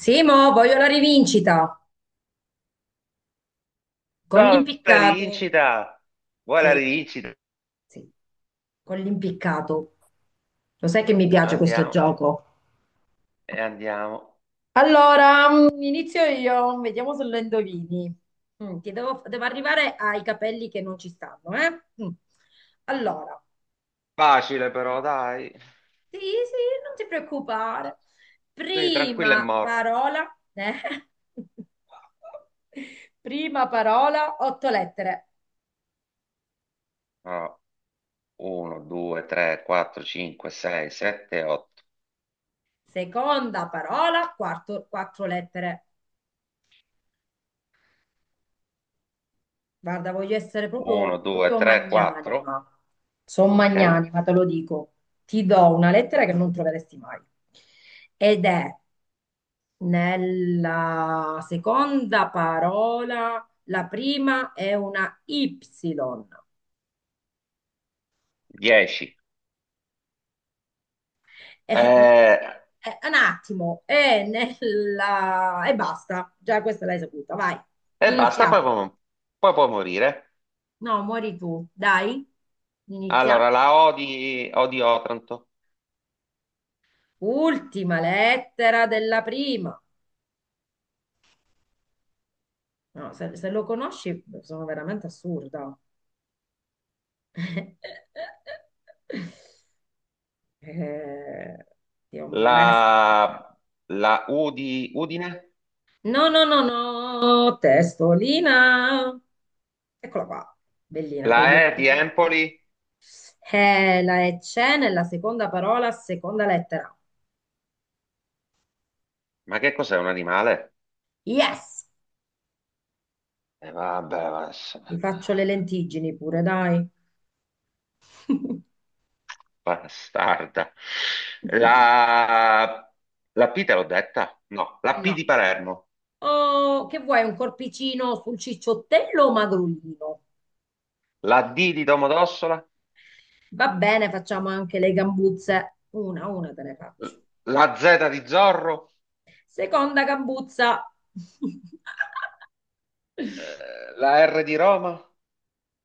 Simo, voglio la rivincita con Ciao, la l'impiccato. rivincita! Vuoi la Sì, rivincita? sì, con l'impiccato. Lo sai che mi piace questo Andiamo gioco. e andiamo. Allora, inizio io, vediamo se lo indovini. Ti devo arrivare ai capelli che non ci stanno, eh? Mm. Allora, Facile però, dai. sì, sì, non ti preoccupare. Sì, tranquillo è Prima morto. parola, eh? Prima parola, otto lettere. 1, 2, 3, 4, 5, 6, 7, 8. Seconda parola, quattro lettere. Guarda, voglio essere 1, proprio, 2, proprio 3, 4. magnanima. Sono Ok. magnanima, te lo dico. Ti do una lettera che non troveresti mai. Ed è nella seconda parola, la prima è una Y. 10. E Eh, non- un attimo, è nella e basta. Già questa l'hai saputa, vai. basta, poi Iniziamo. può, poi può morire. No, muori tu, dai. Inizia. Allora, la O di Otranto, Ultima lettera della prima. No, se lo conosci, sono veramente assurda. Eh, ti ho la, messo. la U di Udine, No, no, no, no, testolina. Eccola qua, bellina, con gli la E di occhietti. Empoli. La E c'è nella seconda parola, seconda lettera. Ma che cos'è un animale? Yes! E vabbè, Ti faccio le lentiggini pure, dai. bastarda. La, la P te l'ho detta? No, la P No. di Palermo, O che vuoi, un corpicino sul cicciottello o magrolino? la D di Domodossola, Va bene, facciamo anche le gambuzze. Una te ne faccio. la Z di Zorro, Seconda gambuzza. La R di Roma.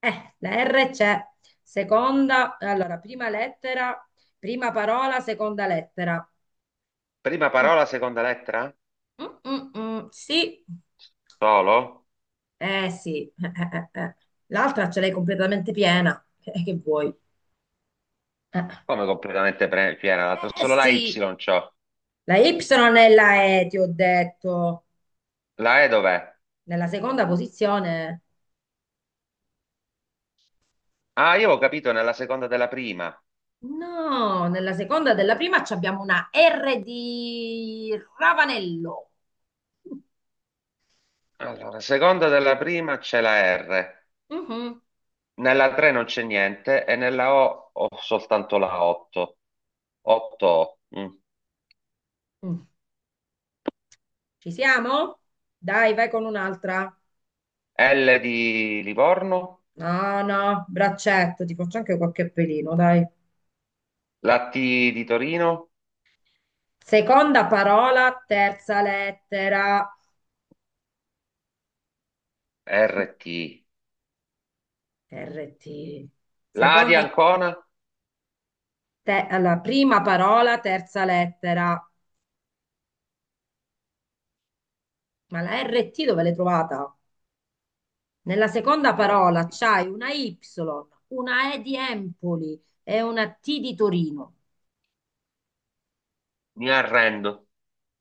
La R c'è. Allora, prima lettera, prima parola, seconda lettera. Prima Mm, parola, seconda lettera? Sì, Solo? eh sì. Eh. L'altra ce l'hai completamente piena. Che vuoi? Eh, Come completamente piena l'altra? eh Solo la Y sì. c'ho. La Y è la E, ti ho detto. La E dov'è? Nella seconda posizione, Ah, io ho capito nella seconda della prima. no, nella seconda della prima ci abbiamo una R di Ravanello. Allora, seconda della prima c'è la R. Mhm. Nella 3 non c'è niente e nella O ho soltanto la 8. 8 O. Mm. Mm. Ci siamo? Dai, vai con un'altra. L di Livorno, No, no, braccetto, ti faccio anche qualche pelino, dai. la T di Torino, Seconda parola, terza lettera. RT. RT. La A di Seconda, Ancona. Alla prima parola, terza lettera. Ma la RT dove l'hai trovata? Nella seconda Ah, parola c'hai una Y, una E di Empoli e una T di Torino. mi arrendo.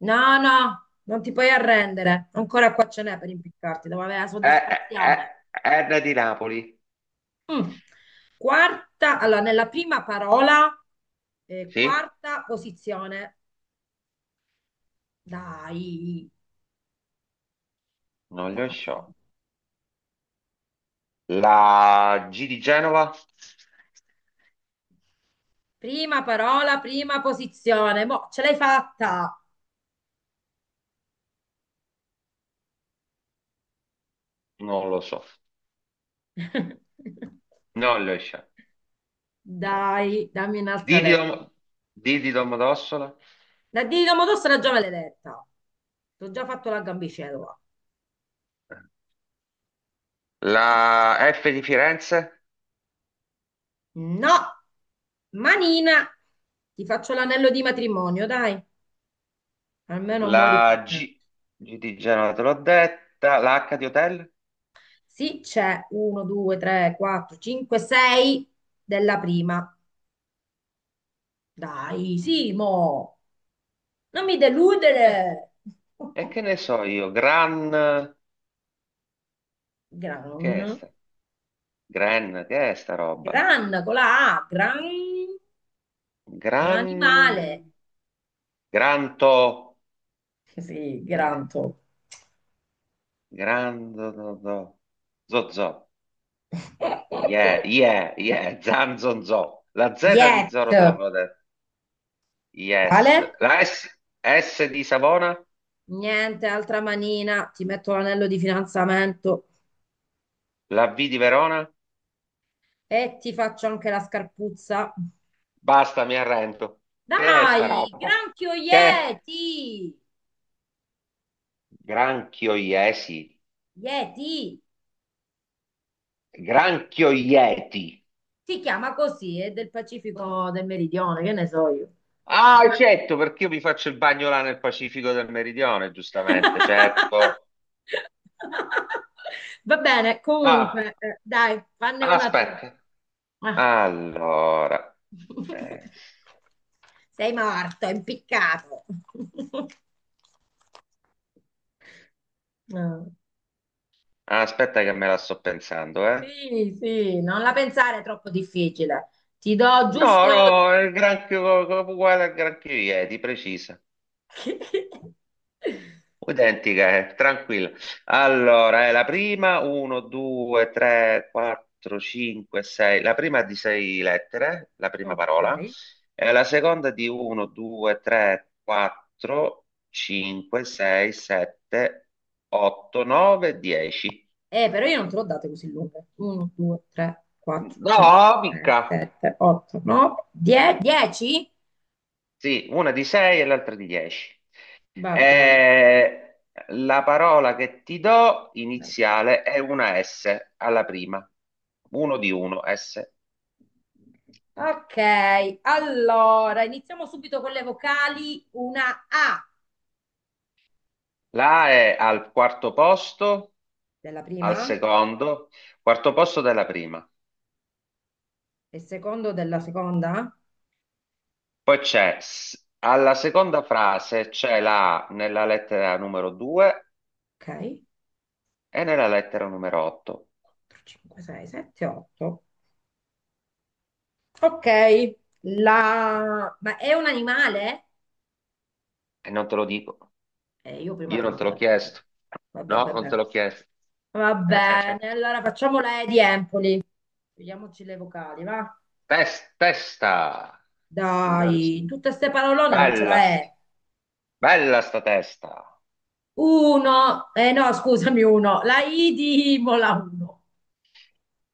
No, no, non ti puoi arrendere. Ancora qua ce n'è per impiccarti, devo avere la E, E- soddisfazione. R di Napoli, Mm. Quarta, allora, nella prima parola, sì? quarta posizione. Dai, Non le dai. so. La G di Genova, Prima parola, prima posizione. Boh, ce l'hai fatta. non lo so. Non le so. Non lo so. Dai, dammi D un'altra di lettera. Dom- D di Domodossola, La di Domodossola era già maledetta. Ti ho già fatto la gambicella. la F di Firenze. No, manina, ti faccio l'anello di matrimonio, dai, almeno muori La contento. G, G di Genova te l'ho detta, la H di Hotel? Sì, c'è 1, 2, 3, 4, 5, 6 della prima. Dai, Simo, non mi Eh, deludere. E che ne so io, Gran, che è Gran, sta? Gran, che è sta roba? gran con la A, gran è un Gran, animale. Granto, Sì, che è? granto. Grando, do, do. Zo, zo, yeah, yeah, yeah, zan, zon, zo. La Z di Yet. Zoro te l'avevo detto, yes. Quale? La S di Savona, Niente, altra manina, ti metto l'anello di fidanzamento la V di Verona, e ti faccio anche la scarpuzza. basta, mi arrendo. Che è sta Dai, roba? granchio Che è? Yeti! Granchio Iesi, Yeti! Granchio Ieti. Si chiama così, è del Pacifico del Meridione, che ne so io. Ah, certo, perché io mi faccio il bagno là nel Pacifico del Meridione, giustamente, certo. Va bene, Ah, comunque, dai, fanne una tu. aspetta. Ah. Allora, eh, Sei morto, impiccato. No. aspetta che me la sto pensando, eh. Sì, sì, non la pensare è troppo difficile. Ti do giusto. No, no, è il granchio uguale al granchio Ieti, preciso. Identiche, tranquilla. Allora, è la prima, 1, 2, 3, 4, 5, 6. La prima è di 6 lettere, la prima parola. Ok. E la seconda è di 1, 2, 3, 4, 5, 6, 7, 8, 9, 10. Però io non te l'ho date così lunghe. 1, 2, 3, 4, No, 5, 6, mica. 7, 8, 9, 10. Sì, una di 6 e l'altra di 10. Va bene. E la parola che ti do iniziale è una S alla prima, uno di uno S. Ok, allora iniziamo subito con le vocali. Una A La A è al quarto posto, della al prima secondo, quarto posto della prima. e secondo della seconda. Poi c'è, alla seconda frase c'è la A nella lettera numero 2 Ok. e nella lettera numero 8. 4, 5, 6, 7, 8. Ok, ma è un animale? E non te lo dico, Io prima io te non l'ho te l'ho detto, però. chiesto. Vabbè, No, non te vabbè. l'ho chiesto. Va Eh. bene, allora facciamo la E di Empoli. Vediamoci le vocali, va? Testa, signore. Dai, tutte ste parolone non ce la Bella, st- è. bella sta testa. Uno, eh no, scusami, uno. La I di Imola, uno.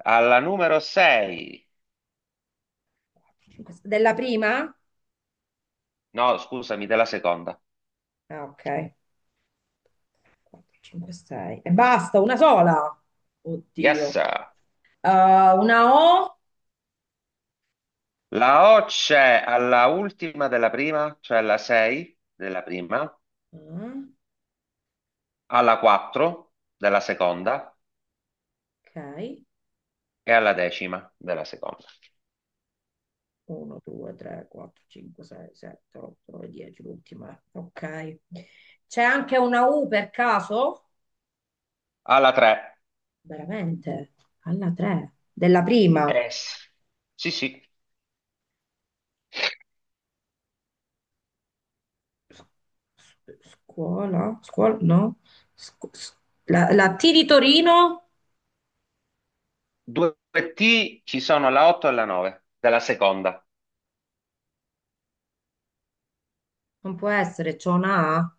Alla numero 6. Quattro, cinque, sei. Della prima? No, scusami, della seconda. Ah, ok. 4, 5, 6. E basta, una sola. Oddio. Yes. Eh, una O. La O c'è alla ultima della prima, cioè alla 6 della prima, Ah, alla 4 della seconda ok. e alla decima della seconda. 1, 2, 3, 4, 5, 6, 7, 8, 9, 10, l'ultima. Ok. C'è anche una U per caso? Alla 3. Veramente? Alla 3. Della prima. Sì, sì. S- Scuola? Scuola? No. Scu- s- la T di Torino? Due T ci sono la 8 e la 9 della seconda. Non può essere, c'è una A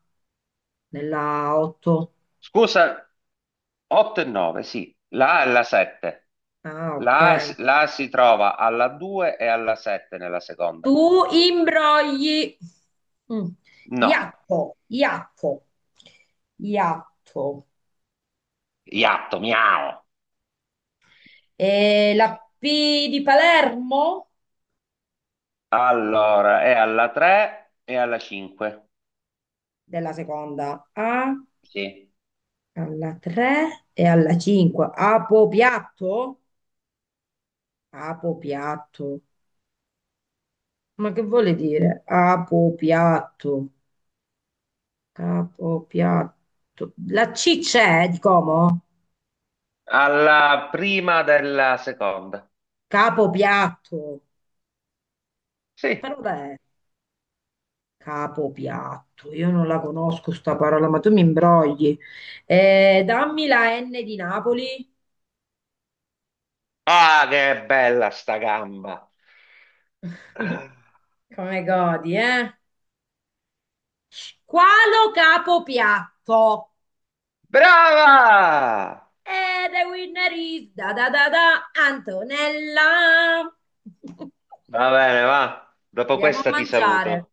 nella 8. Scusa, 8 e 9, sì. La A e la 7. Ah, ok. La A si trova alla 2 e alla 7 nella seconda. Tu imbrogli. Mm. No, Iatto, iatto, iatto. iatto, miau. E la P di Palermo Allora, è alla 3 e alla 5. della seconda A Sì. alla 3 e alla 5. Apopiatto? Apopiatto. Ma che vuole dire? Apopiatto. Capopiatto. La C c'è di Como? Alla prima della seconda. Capopiatto. Che Sì. parola è? Capopiatto. Io non la conosco sta parola, ma tu mi imbrogli. Dammi la N di Napoli. Ah, che bella sta gamba. Come godi, eh? Qualo capo piatto? Brava! E the winner is da da da da Antonella. Va bene, va. Dopo Andiamo a questa ti mangiare. saluto.